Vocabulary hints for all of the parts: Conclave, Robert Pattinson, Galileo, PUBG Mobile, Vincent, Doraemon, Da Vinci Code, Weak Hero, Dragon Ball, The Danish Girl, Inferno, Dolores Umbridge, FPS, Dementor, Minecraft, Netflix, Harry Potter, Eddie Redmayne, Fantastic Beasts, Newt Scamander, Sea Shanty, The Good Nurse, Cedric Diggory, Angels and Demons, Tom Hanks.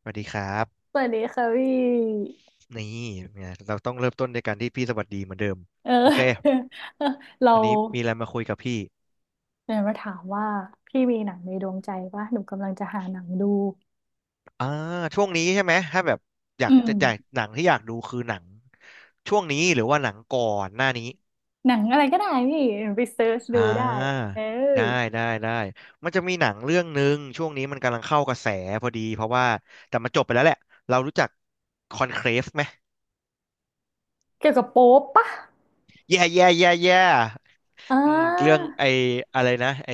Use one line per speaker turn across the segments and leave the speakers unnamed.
สวัสดีครับ
สวัสดีค่ะพี่
นี่เนี่ยเราต้องเริ่มต้นด้วยการที่พี่สวัสดีเหมือนเดิม
เออ
โอเค
เรา
วันนี้มีอะไรมาคุยกับพี่
เนี่ยมาถามว่าพี่มีหนังในดวงใจว่าหนูกำลังจะหาหนังดู
อ่าช่วงนี้ใช่ไหมถ้าแบบอยา
อื
กจะจ่าย
ม
หนังที่อยากดูคือหนังช่วงนี้หรือว่าหนังก่อนหน้านี้
หนังอะไรก็ได้พี่ไปเซิร์ช
อ่
ดูได้
า
เออ
ได้ได้มันจะมีหนังเรื่องหนึ่งช่วงนี้มันกำลังเข้ากระแสพอดีเพราะว่าแต่มันจบไปแล้วแหละเรารู้จักคอนเคลฟไหม
เกี่ยวกับโป๊ปปะ
แย่
อ่
อืมเรื่อง
า
ไอ้อะไรนะไอ้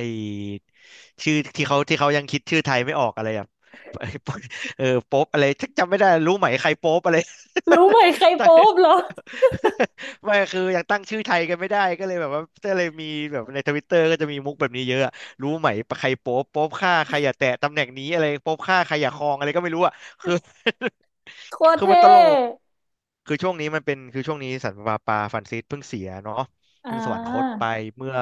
ชื่อที่เขายังคิดชื่อไทยไม่ออกอะไรแ่บ เออโป๊ปอะไรจำไม่ได้รู้ไหมใครโป๊ปอะไร
รู้ไหมใคร
ตั้ง
โป๊ปเหรอ
ไม่คือยังตั้งชื่อไทยกันไม่ได้ก็เลยมีแบบในทวิตเตอร์ก็จะมีมุกแบบนี้เยอะอะรู้ไหมใครโป๊ปโป๊ปฆ่าใครอย่าแตะตำแหน่งนี้อะไรโป๊ปฆ่าใครอย่าครองอะไรก็ไม่รู้อ่ะคือ
โคตร
คือมัน
เท่
ตลก คือช่วงนี้สันวาปาฟรานซิสเพิ่งเสียเนาะ
อ่
เพิ่งสวรรคต
า
ไปเมื่อ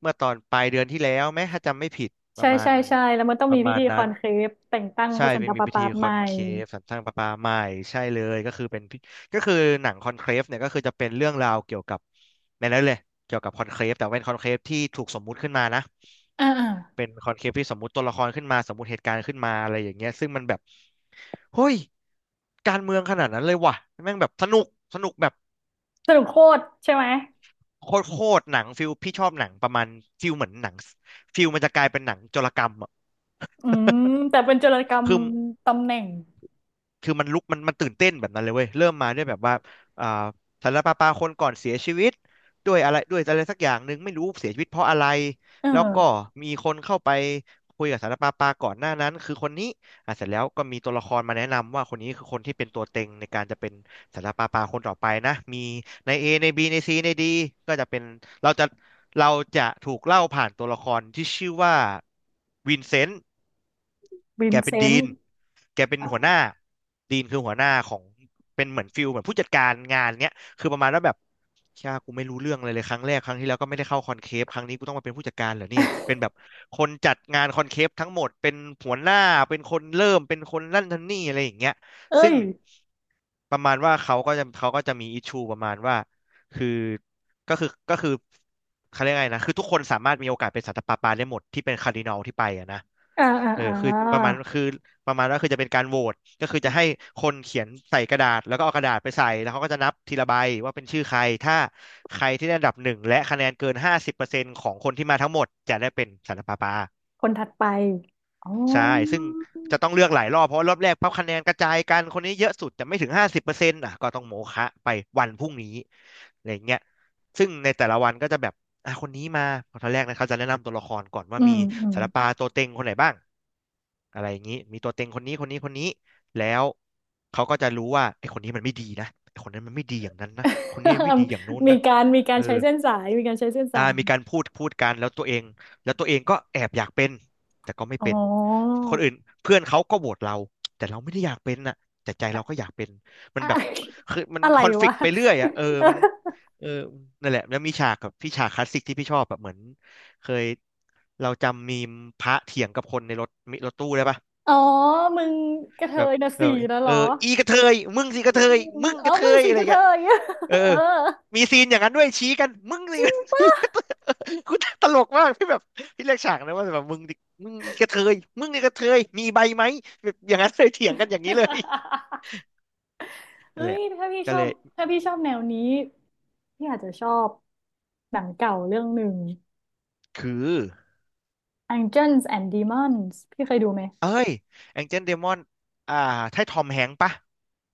เมื่อตอนปลายเดือนที่แล้วแม้ถ้าจำไม่ผิดป
ใช่
ระมาณ
ใช่ใช่แล้วมันต้อง
ป
มี
ระ
พิ
มาณ
ธีค
นั้
อ
น
นเคลฟแต่งตั้งพ
ใช่
ระสัน
ไม่
ตะ
มี
ปา
พิ
ปา
ธีค
ให
อ
ม่
นเคฟสันสร้างประปาใหม่ใช่เลยก็คือเป็นพิก็คือหนังคอนเคฟเนี่ยก็คือจะเป็นเรื่องราวเกี่ยวกับในนั้นเลยเกี่ยวกับคอนเคฟแต่เป็นคอนเคฟที่ถูกสมมุติขึ้นมานะ
อ่าอ่า
เป็นคอนเคปที่สมมุติตัวละครขึ้นมาสมมุติเหตุการณ์ขึ้นมาอะไรอย่างเงี้ยซึ่งมันแบบเฮ้ยการเมืองขนาดนั้นเลยว่ะแม่งแบบสนุกสนุกแบบ
สรุปโคตรใช่ไหม
โคตรโคตรหนังฟิลพี่ชอบหนังประมาณฟิลเหมือนหนังฟิลมันจะกลายเป็นหนังโจรกรรมอ่ะ
อืมแต่เป็นจุลกรร ม
คือ
ตำแหน่ง
คือมันตื่นเต้นแบบนั้นเลยเว้ยเริ่มมาด้วยแบบว่าอ่าสารปาปาคนก่อนเสียชีวิตด้วยอะไรสักอย่างหนึ่งไม่รู้เสียชีวิตเพราะอะไร
เออ
แล้วก็มีคนเข้าไปคุยกับสารปาปาก่อนหน้านั้นคือคนนี้อ่ะเสร็จแล้วก็มีตัวละครมาแนะนำว่าคนนี้คือคนที่เป็นตัวเต็งในการจะเป็นสารปาปาคนต่อไปนะมีใน A ใน B ใน C ใน D ก็จะเป็นเราจะเราจะถูกเล่าผ่านตัวละครที่ชื่อว่าวินเซนต์
วิ
แก
นเซ
เป็น
น
ดี
ต์
น แกเป็นหัวหน้าดีนคือหัวหน้าของเป็นเหมือนฟิลเหมือนผู้จัดการงานเนี้ยคือประมาณว่าแบบเชี่ยกูไม่รู้เรื่องเลยครั้งแรกครั้งที่แล้วก็ไม่ได้เข้าคอนเคปครั้งนี้กูต้องมาเป็นผู้จัดการเหรอเนี่ยเป็นแบบคนจัดงานคอนเคปทั้งหมดเป็นหัวหน้าเป็นคนเริ่มเป็นคนนั่นทำนี่อะไรอย่างเงี้ย
เอ้
ซึ่ง
ย
ประมาณว่าเขาก็จะมีอิชชูประมาณว่าคือก็คือเขาเรียกไงนะคือทุกคนสามารถมีโอกาสเป็นสันตะปาปาได้หมดที่เป็นคาร์ดินัลที่ไปอะนะ
อ่าอ่า
เออ
อ่า
คือประมาณคือ ประมาณว่าคือจะเป็นการโหวตก็คือจะให้คนเขียนใส่กระดาษแล้วก็เอากระดาษไปใส่แล้วเขาก็จะนับทีละใบว่าเป็นชื่อใครถ้าใครที่ได้อันดับหนึ่งและคะแนนเกินห้าสิบเปอร์เซ็นต์ของคนที่มาทั้งหมดจะได้เป็นสันตะปาปา
คนถัดไป อ๋อ
ใช่ซึ่งจะต้องเลือกหลายรอบเพราะว่ารอบแรกพับคะแนนกระจายกัน คนนี้เยอะสุดแต่ไม่ถึงห้าสิบเปอร์เซ็นต์อ่ะก็ต้องโมฆะไปวันพรุ่งนี้อะไรอย่างเงี้ยซึ่งในแต่ละวันก็จะแบบอ่ะคนนี้มาตอนแรกนะเขาจะแนะนำตัวละครก่อนว่า
อื
มี
ม อืม
ศิลปะตัวเต็งคนไหนบ้าง อะไรอย่างนี้มีตัวเต็งคนนี้คนนี้แล้วเขาก็จะรู้ว่าไอ้คนนี้มันไม่ดีนะไอ้คนนั้นมันไม่ดีอย่างนั้นนะคนนี้มันไม่ดีอย่างโน้น
มี
นะ
การมีกา
เอ
ร
อ
ใช้เส้นสายมีการใช้เส้นสาย
มีการพูดกันแล้วตัวเองแล้วตัวเองก็แอบอยากเป็นแต่ก็ไม่
อ๋
เป็น
อ
คนอื่นเพื่อนเขาก็โหวตเราแต่เราไม่ได้อยากเป็นน่ะแต่ใจ
อะ
เราก็อยากเป็นมัน
อะ
แบบคือมัน
อะไร
คอนฟ
วะ
lict ไปเรื่อยอ่ะเออมันเออนั่นแหละแล้วมีฉากกับพี่ฉากคลาสสิกที่พี่ชอบแบบเหมือนเคยเราจำมีมพระเถียงกับคนในรถรถตู้ได้ปะ
อ๋อ มึงกระเท
แบบ
ยนะ
เออ
สี่นะเหร
เออ
อ
อีกระเทยมึง
อ
สิกระ
ื
เทย
ม
มึง
อ๋
ก
อ
ระเท
มึง
ย
สี
อะไร
กระเท
เงี้ย
ย อะ
เออ
เออ
มีซีนอย่างนั้นด้วยชี้กันมึง
จ
สิ
ริง
อีกระเทย
ปะ
กูตลกมากพี่แบบพี่เรียกฉากนะว่าแบบมึงดิมึงอีกระเทยมึงอีกระเทยมีใบไหมแบบอย่างนั้นเลยเถียงกันอย่างนี้เลย
เฮ้
นั่นแห
ย
ละก็เลย
ถ้าพี่ชอบแนวนี้ พี่อาจจะชอบหนังเก่าเรื่องหนึ่ง
คือ
Angels and Demons พี่เคยดูไหม
เอ้ยแองเจิลเดมอนอ่าใช่ทอมแฮงค์ปะ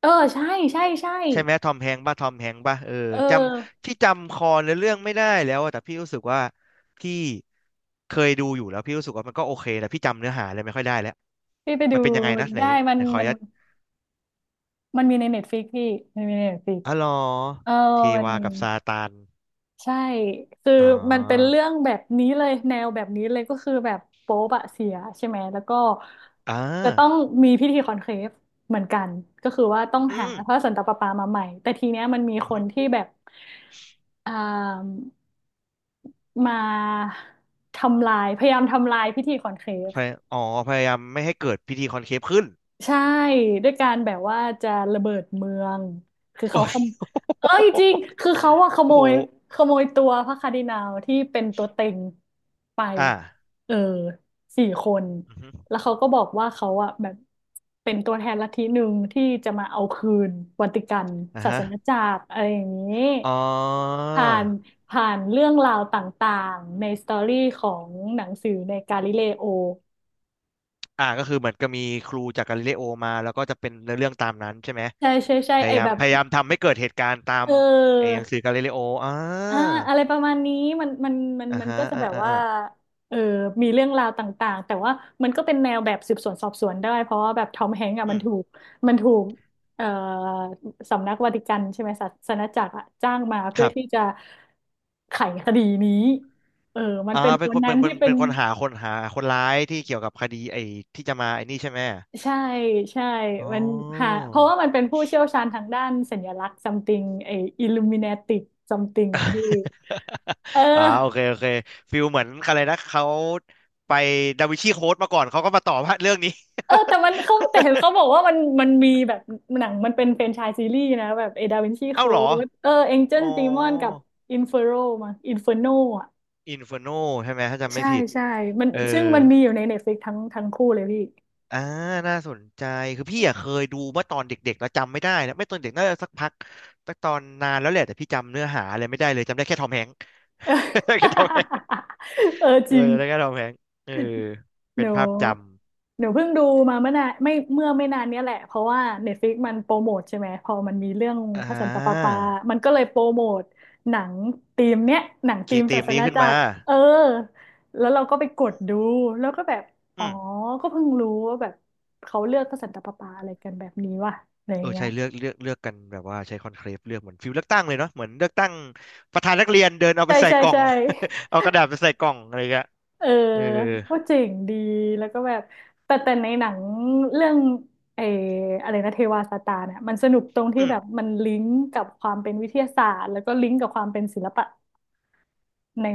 เออใช่ใช่ใช่
ใช่ไหมทอมแฮงค์ป่ะทอมแฮงค์ป่ะเออ
เออ
จำที่จำคอในเรื่องไม่ได้แล้วอะแต่พี่รู้สึกว่าพี่เคยดูอยู่แล้วพี่รู้สึกว่ามันก็โอเคแต่พี่จำเนื้อหาอะไรไม่ค่อยได้แล้ว
พี่ไป
มั
ดู
นเป็นยังไงนะไหน
ได้มัน
ไหนขออ
มั
นุ
น
ญาต
มันมีใน Netflix พี่มันมีใน Netflix
อ๋อเหรอ
เออ
เท
มัน
วา
มี
กับซาตาน
ใช่คือ
อ๋อ
มันเป็นเรื่องแบบนี้เลยแนวแบบนี้เลยก็คือแบบโป๊ปอะเสียใช่ไหมแล้วก็
อ่า
จะต้องมีพิธีคอนเคฟเหมือนกันก็คือว่าต้องหา
อืม
พระสันตะปาปามาใหม่แต่ทีเนี้ยมันมี
อือ
ค
ฮึ
นที่แบบอ่า มาทำลายพยายามทำลายพิธีขอนเคฟ
พยอ๋อพยายามไม่ให้เกิดพิธีคอนเคฟขึ้น
ใช่ด้วยการแบบว่าจะระเบิดเมืองคือ
โอ้
เขาขโมเอ้ยจริง
โห
คือเขาอะขโม
โอ้โห
ยขโมยตัวพระคาร์ดินัลที่เป็นตัวเต็งไป
อ่า
เออสี่คน
อือฮึ
แล้วเขาก็บอกว่าเขาอะแบบเป็นตัวแทนลัทธิหนึ่งที่จะมาเอาคืนวัติกัน
อ่า
ศา
ฮะ
สนจักรอะไรอย่างนี้
อ๋อ
ผ่านผ่านเรื่องราวต่างๆในสตอรี่ของหนังสือในกาลิเลโอ
ก็คือเหมือนก็มีครูจากกาลิเลโอมาแล้วก็จะเป็นเนื้อเรื่องตามนั้นใช่ไหม
ใช่ใช่ใช่
พ
ไอ
ยายา
แบ
ม
บ
พยายามทำให้เกิดเหตุการณ์ตาม
เออ
ไอ้หนังสือกาลิเลโออ่า
อ่าอะไรประมาณนี้มันมันมัน
อ่า
มัน
ฮะ
ก็จะ
อ่า
แบบ
อ่า
ว่า
อ่า
เออมีเรื่องราวต่างๆแต่ว่ามันก็เป็นแนวแบบสืบสวนสอบสวนได้เพราะว่าแบบทอมแฮงก์อ่ะ
อื
มัน
ม
ถูกมันถูกเอ่อสำนักวาติกันใช่ไหมศาสนจักรอ่ะจ้างมา
ค
เพื่อ
รับ
ที่จะไขคดีนี้เออมันเป็นค
เป็น
น
คน
นั้
เป็
น
นเป็
ที่
น
เป็น
เป็นคนหาคนหาคนร้ายที่เกี่ยวกับคดีไอ้ที่จะมาไอ้นี่ใช่ไหม
ใช่ใช่
อ๋อ
มันหาเพราะว่ามันเป็นผู้เชี่ยวชาญทางด้านสัญลักษณ์ something ไอ้ illuminatic something อ่ะพี่ เอ
โอเค
อ
โอเคฟิลเหมือนอะไรนะเขาไปดาวินชีโค้ดมาก่อนเขาก็มาต่อว่าเรื่องนี้
แต่มันเขาแต่เห็นเขาบอกว่ามันมันมีแบบหนังมันเป็นแฟรนไชส์ซีรีส์นะแบบเอดาวินชี
เอ้า
โค้
เหรอ
ดเออเอ็นเจิ
อ๋
ล
อ
ดีมอนกับอินเฟอโรมาอินเฟอร์โนอ่ะ
อินเฟอร์โนใช่ไหมถ้าจำไม่
ใช่
ผิด
ใช่มัน
เออ
ซึ่งมันมีอยู่ในเน็ตฟลิกทั้งคู่เลยพี่
อ่าน่าสนใจคือพี่อะเคยดูเมื่อตอนเด็กๆแล้วจำไม่ได้นะไม่ตอนเด็กน่าจะสักพักสักตอนนานแล้วแหละแต่พี่จำเนื้อหาอะไรไม่ได้เลยจำได้แค่ทอมแฮงค์ แค่ทอมแฮงค์
เออ
เอ
จ
อ
ริง
ได้แค่ทอมแฮงค์เออ
ห
เป็
นู
นภาพจ
หนูเพิ่งดูมาเมื่อนานไม่เมื่อไม่นานเนี้ยแหละเพราะว่า Netflix มันโปรโมทใช่ไหมพอมันมีเรื่อง
ำ
พระสันตะปาปามันก็เลยโปรโมทหนังธีมเนี้ยหนังธี
เกี่ยว
ม
กับธี
ศา
ม
ส
นี้
นา
ขึ้น
จั
มา
กรเออแล้วเราก็ไปกดดูแล้วก็แบบอ๋อ
อืม
ก็เพิ่งรู้ว่าแบบเขาเลือกพระสันตะปาปาอะไรกันแบบนี้ว่ะอะไรอ
เอ
ย่า
อ
งเงี้
ใช่
ย
เลือกกันแบบว่าใช้คอนเคลฟเลือกเหมือนฟิลเลือกตั้งเลยเนาะเหมือนเลือกตั้งประธานนักเรียนเดินเอาไป
ใช่
ใส่
ใช่
กล่อง
ใช่
เอากระดาษไปใส่กล่องอะไรเงี้ย
เออ
เออ
ว่าเจ๋งดีแล้วก็แบบแต่ในหนังเรื่องเอออะไรนะเทวาสตาร์เนี่ยมันสนุกตรงที่
อืม
แบบมันลิงก์กับความเป็นวิทยาศาสตร์แล้วก็ลิงก์กับความเป็นศิลปะใน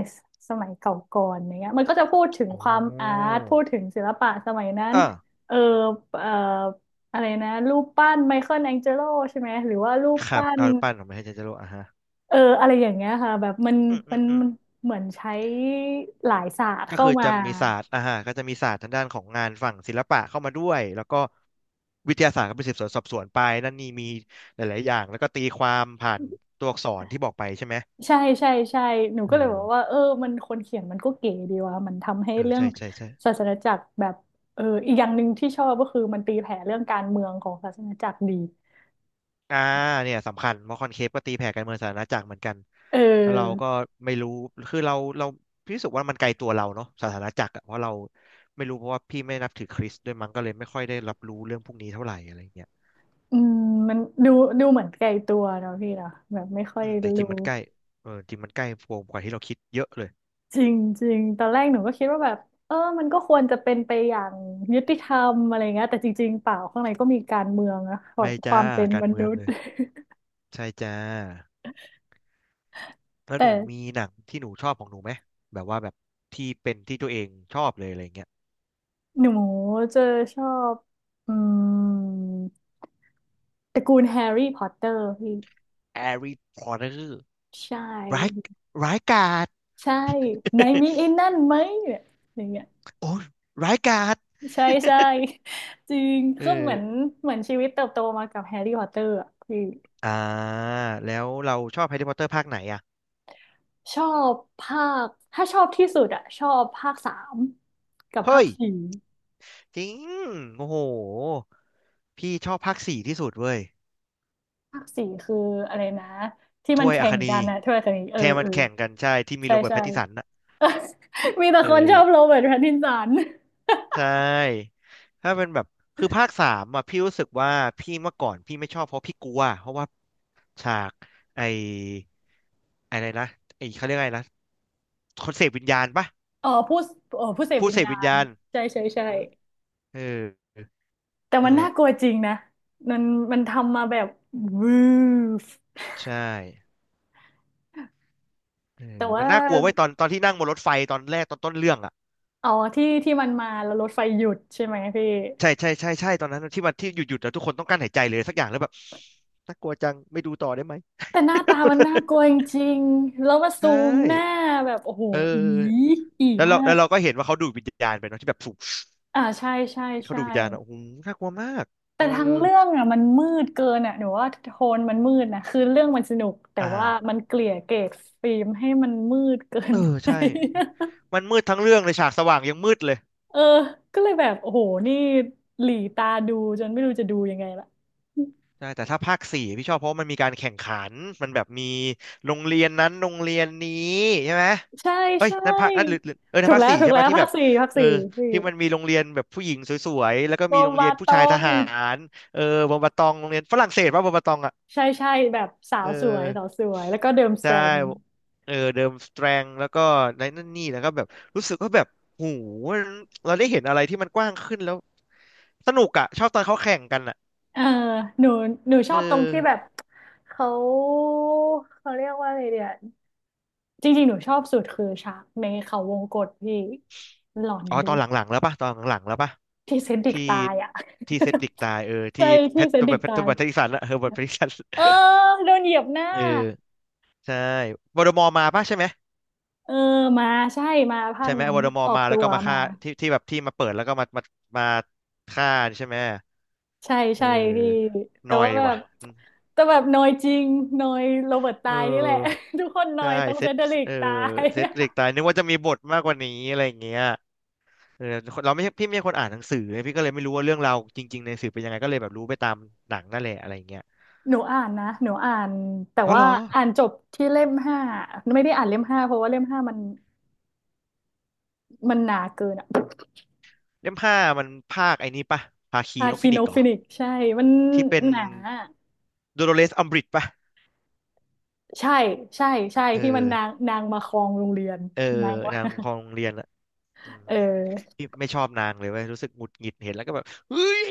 สมัยเก่าก่อนอย่างเงี้ยมันก็จะพูดถึง
โอ
ความอา
้
ร์ตพูดถึงศิลปะสมัยนั้น
อ่า
เออเอออะไรนะรูปปั้นไมเคิลแองเจโลใช่ไหมหรือว่ารูป
ครับ
ปั้น
เอารูปปั้นของพระเจ้าเจโรอ่าฮะ
อะไรอย่างเงี้ยค่ะแบบมัน
อืมอื
มั
ม
น
อืม
มันเหมือนใช้หลายศาสตร์
ก็
เข้า
คือ
มา
จะมีศาสตร์อ่าฮะก็จะมีศาสตร์ทางด้านของงานฝั่งศิลปะเข้ามาด้วยแล้วก็วิทยาศาสตร์ก็เป็นสืบสวนสอบสวนไปนั่นนี่มีหลายๆอย่างแล้วก็ตีความผ่านตัวอักษรที่บอกไปใช่ไหม
ใช่ใช่ใช่หนู
เอ
ก็เลยบ
อ
อกว่ามันคนเขียนมันก็เก๋ดีว่ะมันทำให้
เออ
เรื่อง
ใช่ใช่ใช่
ศาสนจักรแบบอีกอย่างหนึ่งที่ชอบก็คือมันตีแผ่เรื่องการเมืองของศาสนจักรดี
อ่าเนี่ยสำคัญเพราะคอนเคปก็ตีแผ่การเมืองสาธารณจักรเหมือนกัน
เ
แล้วเรา
ออ
ก็ไม่รู้คือเราพี่รู้สึกว่ามันไกลตัวเราเนาะสาธารณจักรอะเพราะเราไม่รู้เพราะว่าพี่ไม่นับถือคริสต์ด้วยมั้งก็เลยไม่ค่อยได้รับรู้เรื่องพวกนี้เท่าไหร่อะไรอย่างเงี้ย
อืมมันดูดูเหมือนไกลตัวเนาะพี่เนาะแบบไม่ค่อ
อื
ย
มแต่จริ
รู้
งมันใกล้เออจริงมันใกล้โวมกว่าที่เราคิดเยอะเลย
จริงจริงตอนแรกหนูก็คิดว่าแบบมันก็ควรจะเป็นไปอย่างยุติธรรมอะไรเงี้ยแต่จริงๆเปล่าข้างในก็มีการเมืองนะแบบ
ไม่
ควา
จ้า
มเป็น
กา
ม
รเมื
นุ
อง
ษ
เล
ย์
ยใช่จ้าแล้ ว
แต่
หนูมีหนังที่หนูชอบของหนูไหมแบบว่าแบบที่เป็นที่ตัวเองชอบเลยอะไรเงี้ย
หนูจะชอบอืม ตระกูลแฮร์รี่พอตเตอร์พี่
แฮร์รี่พอตเตอร์
ใช
ร้าย
่
ร้ายกาจ
ใช่ไหนมีไอ้นั่นไหมเนี่ยอย่างเงี้ย
โอ้ยร้ายกาจ
ใช่ใช่ จริง
เอ
ก็เหมือ
อ
นเหมือนชีวิตเติบโตมากับแฮร์รี่พอตเตอร์อ่ะพี่
อ่าแล้วเราชอบแฮร์รี่พอตเตอร์ภาคไหนอ่ะ
ชอบภาคถ้าชอบที่สุดอ่ะชอบภาคสามกับภา
เฮ้
ค
ย
สี่
จริงโอ้โหพี่ชอบภาคสี่ที่สุดเว้ย
ภาคสี่คืออะไรนะที่มั
ถ้
น
วยอั
แข่
ค
ง
นี
กันนะถ้วยกัศน
แทมันแข่งกันใช่ที่มี
ใช่
โรเบิร์ต
ใช่
แพตตินสัน
มีแต่
เอ
คนช
อ
อบโรเบิร์ตแพตตินสัน
ใช่ถ้าเป็นแบบคือภาคสามอ่ะพี่รู้สึกว่าพี่เมื่อก่อนพี่ไม่ชอบเพราะพี่กลัวเพราะว่าฉากไอ้อะไรนะไอ้เขาเรียกอะไรนะคนเสพวิญญาณปะ
อ๋อผู้เสพ
ผู้
วิญ
เสพ
ญา
วิญ
ณ
ญาณ
ใช่ใช่ใช่
อืมเออ
แต่มั
นั่
น
นแห
น่า
ละ
กลัวจริงนะมันมันทำมาแบบวืฟ
ใช่เอ
แต่
อมั
ว่า
นน่ากลัวไว้ยตอนที่นั่งบนรถไฟตอนแรกตอนต้นเรื่องอ่ะ
อ๋อที่ที่มันมาแล้วรถไฟหยุดใช่ไหมพี่
ใช่ใช่ใช่ใช่ตอนนั้นที่มันที่หยุดแล้วทุกคนต้องกั้นหายใจเลยสักอย่างแล้วแบบน่ากลัวจังไม่ดูต่อได้ไหม
แต่หน้าตามันน่ากลัวจ ริงๆแล้วมาซู
ใช่
มหน้าแบบโอ้โห
เออ
อีอี
แล้วเรา
มา
แล้
ก
วเราก็เห็นว่าเขาดูดวิญญาณไปเนาะที่แบบสูบ
ใช่ใช่
เขา
ใช่
ดูดวิญญาณอะโอ้โหน่ากลัวมากเอ
แต่
อ
ทั้งเรื่องอ่ะมันมืดเกินอ่ะหนูว่าโทนมันมืดนะคือเรื่องมันสนุกแต่
อ่า
ว่ามันเกลี่ยเกรดฟิล์มให้มันมืดเกิ
เอ
น
อ
ไป
ใช่มันมืดทั้งเรื่องเลยฉากสว่างยังมืดเลย
เออก็เลยแบบโอ้โหนี่หลีตาดูจนไม่รู้จะดูยังไงละ
ใช่แต่ถ้าภาคสี่พี่ชอบเพราะว่ามันมีการแข่งขันมันแบบมีโรงเรียนนั้นโรงเรียนนี้ใช่ไหม
ใช่
เอ้ย
ใช่
นั่นภาคนั่นหรือหรือเออนั่
ถู
น
ก
ภาค
แล้ว
สี่
ถูก
ใช่
แล้
ปะ
ว
ที่
ภา
แบ
ค
บ
สี่ภาค
เออ
สี่พี่
ที่มันมีโรงเรียนแบบผู้หญิงสวยๆแล้วก็
โบ
มีโรงเรี
มา
ยนผู้
ต
ชายท
ง
หารเออบอมบะตองโรงเรียนฝรั่งเศสป่ะบอมบะตองอะ
ใช่ใช่แบบสา
เอ
วสวย
อ
สาวสวยแล้วก็เดิมสแต
ใช่
รม
เออเดิมสแตรงแล้วก็ในนั่นนี่แล้วก็แบบรู้สึกว่าแบบหูมันเราได้เห็นอะไรที่มันกว้างขึ้นแล้วสนุกอะชอบตอนเขาแข่งกันอะ
เออหนูหนูช
เอ
อ
อ
บตรงที่แบบเขาเขาเรียกว่าอะไรเดียจริงๆหนูชอบสุดคือฉากในเขาวงกตพี่หลอนดิ
ตอนหลังๆแล้วป่ะตอนหลังๆแล้วป่ะ
ที่เซนดิก
ที่
ตายอ่ะ
ที่เซดดิกตายเออ ที่
ใช่ที่เซนดิกตาย
แพทริกสันอะ เฮอร์เบิร์ตแพทริกสัน
เออโดนเหยียบหน้า
เออใช่วอร์ดมอร์มาป่ะใช่ไหม
เออมาใช่มาภา
ใช่
ค
ไหม
นั้
ว
น
อร์ดมอ
อ
ร์
อก
มา
ตั
แล้ว
ว
ก็มา
มา
ฆ่าที่ที่แบบที่มาเปิดแล้วก็มาฆ่าใช่ไหม
ใช่
เอ
ใช่พี่
อห
แต่
น่อ
ว่า
ย
แบ
ว่ะ
บแต่แบบนอยจริงนอยโรเบิร์ต
เอ
ตายนี่แหละ
อ
ทุกคนนอ
ใช่
ยต้อง
เซ
เซ
ต
นเดริก
เออ
ตาย
เซตเหล็กตายนึกว่าจะมีบทมากกว่านี้อะไรอย่างเงี้ยเออเราไม่ใช่พี่ไม่ใช่คนอ่านหนังสือไงพี่ก็เลยไม่รู้ว่าเรื่องราวจริงๆในสื่อเป็นยังไงก็เลยแบบรู้ไปตามหนังนั่นแหละอะไรอย่างเงี้ย
หนูอ่านนะหนูอ่านแต่
อ๋อเห
ว่า
รอ
อ่านจบที่เล่มห้าไม่ได้อ่านเล่มห้าเพราะว่าเล่มห้ามันมันหนาเกินอะ
เล่มห้ามันภาคไอ้นี่ปะภาคี
คา
นก
คิ
ฟิ
โน
นิกซ์เหรอ
ฟินิกใช่มัน
ที่เป็น
หนา
โดโ o เลสอัมบริดปะ
ใช่ใช่ใช่
เอ
ที่มัน
อ
นางนางมาครองโรงเรียน
เออ
นางว่า
นางของโรงเรียนอะอืม
เออ
พี่ไม่ชอบนางเลยเว้ยรู้สึกหงุดหงิดเห็นแล้วก็แบบเฮ้ย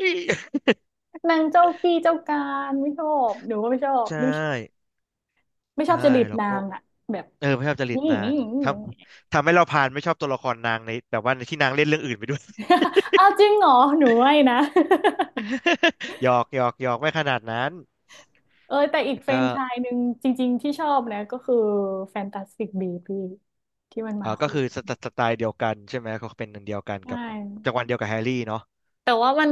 นางเจ้ากี้เจ้าการไม่ชอบหนูก็ไม่ชอบ
ใช่
หนูไม่ชอ
ใช่
บจริต
แล้ว
นา
ก็
งอะแบบ
เออไม่ชอบจ ริต
นี่
นา
นี่
ง
นี่
ท
นี่
ทำให้เราพานไม่ชอบตัวละครนางในแบบว่าในที่นางเล่นเรื่องอื่นไปด้วย
อ้าวจริงเหรอหนูไม่นะ
หยอกหยอกหยอกไม่ขนาดนั้น
เออแต่อีก
แล้ว
แฟร
ก็
นไชส์หนึ่งจริงๆที่ชอบนะก็คือแฟนตาสติกบีบีที่มัน
เอ
มา
อก็คือ
คู่
สไตล์เดียวกันใช่ไหมเขาเป็นอันเดียวกัน
ใช่
กับจังหวะเดียวกับแฮร์รี่เนาะ
แต่ว่ามัน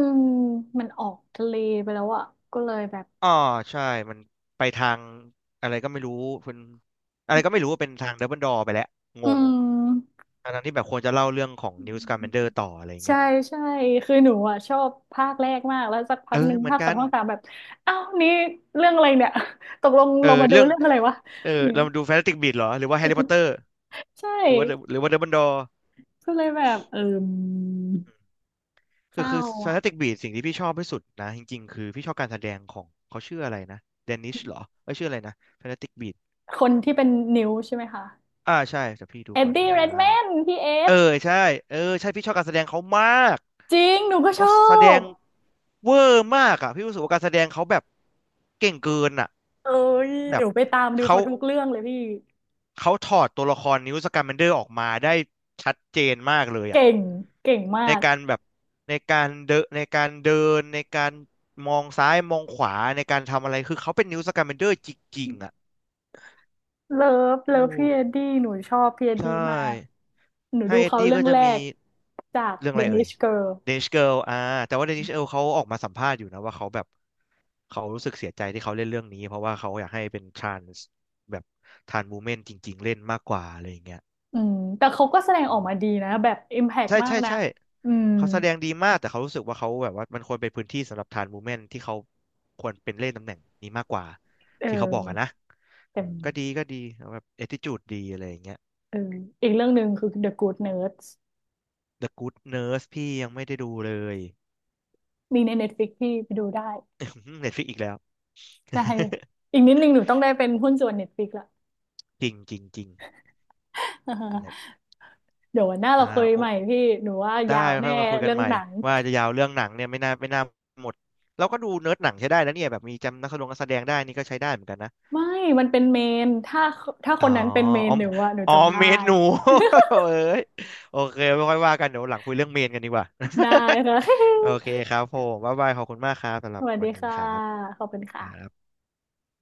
มันออกทะเลไปแล้วอะก็เลยแบบ
อ๋อใช่มันไปทางอะไรก็ไม่รู้เป็นอะไรก็ไม่รู้ว่าเป็นทางดัมเบิลดอร์ไปแล้วง
อื
ง
ม
ทั้งๆที่แบบควรจะเล่าเรื่องของนิวส์การ์แมนเดอร์ต่ออะไรอย่าง
ใช่
เงี้ย
ใช่คือหนูอ่ะชอบภาคแรกมากแล้วสักพั
เอ
กห
อ
นึ่ง
เหมือน
ภาคส
กั
อง
น
ภาคสามแบบอ้าวนี่เรื่องอะไรเนี่ย ตกลง
เออ
เรามาดู
เรื่อง
เรื่องอะไรวะ
เออ
เนี่
เรา
ย
มาดูแฟนตาสติกบีสต์เหรอหรือว่าแฮร์รี่พอตเตอร์
ใช่
หรือว่า หรือว่าเดอะบันดอร์
ก็เลยแบบเออเศ
คือ
ร้า
คือฟน
อ่ะ
ตติกบีสิ่งที่พี่ชอบที่สุดนะจริงๆคือพี่ชอบการแสดงของเขาชื่ออะไรนะเดนิชเหรอเอยชื่ออะไรนะฟนตาติกบีท
คนที่เป็นนิ้วใช่ไหมคะ
อ่าใช่แต่พี่ดู
เอ็ด
ก่อน
ดี้
นะ
เรดแมนพี่เอ
เอ
ส
อใช่เออใช่พี่ชอบการแสดงเขามาก
จริงหนูก็ช
เขา
อ
แสด
บ
งเวอร์มากอ่ะพี่รู้สึกว่าการแสดงเขาแบบเก่งเกินอ่ะ
เอ้ย
แบ
ห
บ
นูไปตามดู
เขา
เขาทุกเรื่องเลยพี่
เขาถอดตัวละครนิวสแกมแมนเดอร์ออกมาได้ชัดเจนมากเลย
เก่
อ่ะ
งเก่งมา
ใน
ก
การแบบในการเดินในการมองซ้ายมองขวาในการทำอะไรคือเขาเป็นนิวสกมแมนเดอร์จริงๆอ่ะ
เลิฟเลิ
โอ้
ฟพี่เอ็ดดี้หนูชอบพี่เอ็ด
ใช่
ดี้มากหนู
ถ้า
ดู
เอ็ด
เขา
ดี้
เรื่อ
ก็
ง
จะ
แร
มี
กจาก
เรื่องอะไรเอ่ย
Danish Girl
เดนิชเกิลอ่าแต่ว่าเดนิชเกิลเขาออกมาสัมภาษณ์อยู่นะว่าเขาแบบเขารู้สึกเสียใจที่เขาเล่นเรื่องนี้เพราะว่าเขาอยากให้เป็นทรานส์แบบทรานส์วูแมนจริงๆเล่นมากกว่าอะไรอย่างเงี้ย
อืมแต่เขาก็แสดงอ
อื
อก
ม
มาดีนะแบบอิมแพก
ใช่
มาก
ใช่
นะ
ใช่
อืม
เขาแสดงดีมากแต่เขารู้สึกว่าเขาแบบว่ามันควรเป็นพื้นที่สำหรับทรานส์มูฟเมนต์ที่เขาควรเป็นเล่นตำแหน่งนี้มากกว่า
เอ
ที่เขาบ
อ
อกอะนนะ
แต่
อืมก็ดีก็ดีแบบแอทิจูดดีอะไรอย่างเงี้ย
เอออีกเรื่องหนึ่งคือ The Good Nerds
The Good Nurse พี่ยังไม่ได้ดูเลย
มีใน Netflix ที่ไปดูได้
Netflix อีกแล้ว
ใช่ อีกนิดนึงหนูต้องได้เป็นหุ้นส่วน Netflix ละ
จริงจริงจริงเนี่ย
เดี๋ยววันหน้าเรา
อ่า
คุย
โอ้
ใหม่พี่หนูว่า
ได้
ยาว
ค่
แน่
อยมาคุยกัน
เรื่อง
ใหม่
หนัง
ว่าจะยาวเรื่องหนังเนี่ยไม่น่าหมดเราก็ดูเนิร์ดหนังใช้ได้นะเนี่ยแบบมีจำนักแสดงได้นี่ก็ใช้ได้เหมือนกันนะ
ไม่มันเป็นเมนถ้าถ้าค
อ๋อ
นนั้นเป็นเมน
อ๋อ
หนูอะหนู
อ๋อ
จำได้
เมนหนู เอ้ยโอเค ไม่ค่อยว่ากันเดี๋ยวหลังคุยเรื่องเมนกันดีกว่า
ได้ค่ะ
โอเคครับผมบ๊ายบายขอบคุณมากครับสำห
ส
รับ
วัส
วั
ดี
นนี้
ค่ะ
ครับ
ขอบคุณ
ครั
ค่ะ
บ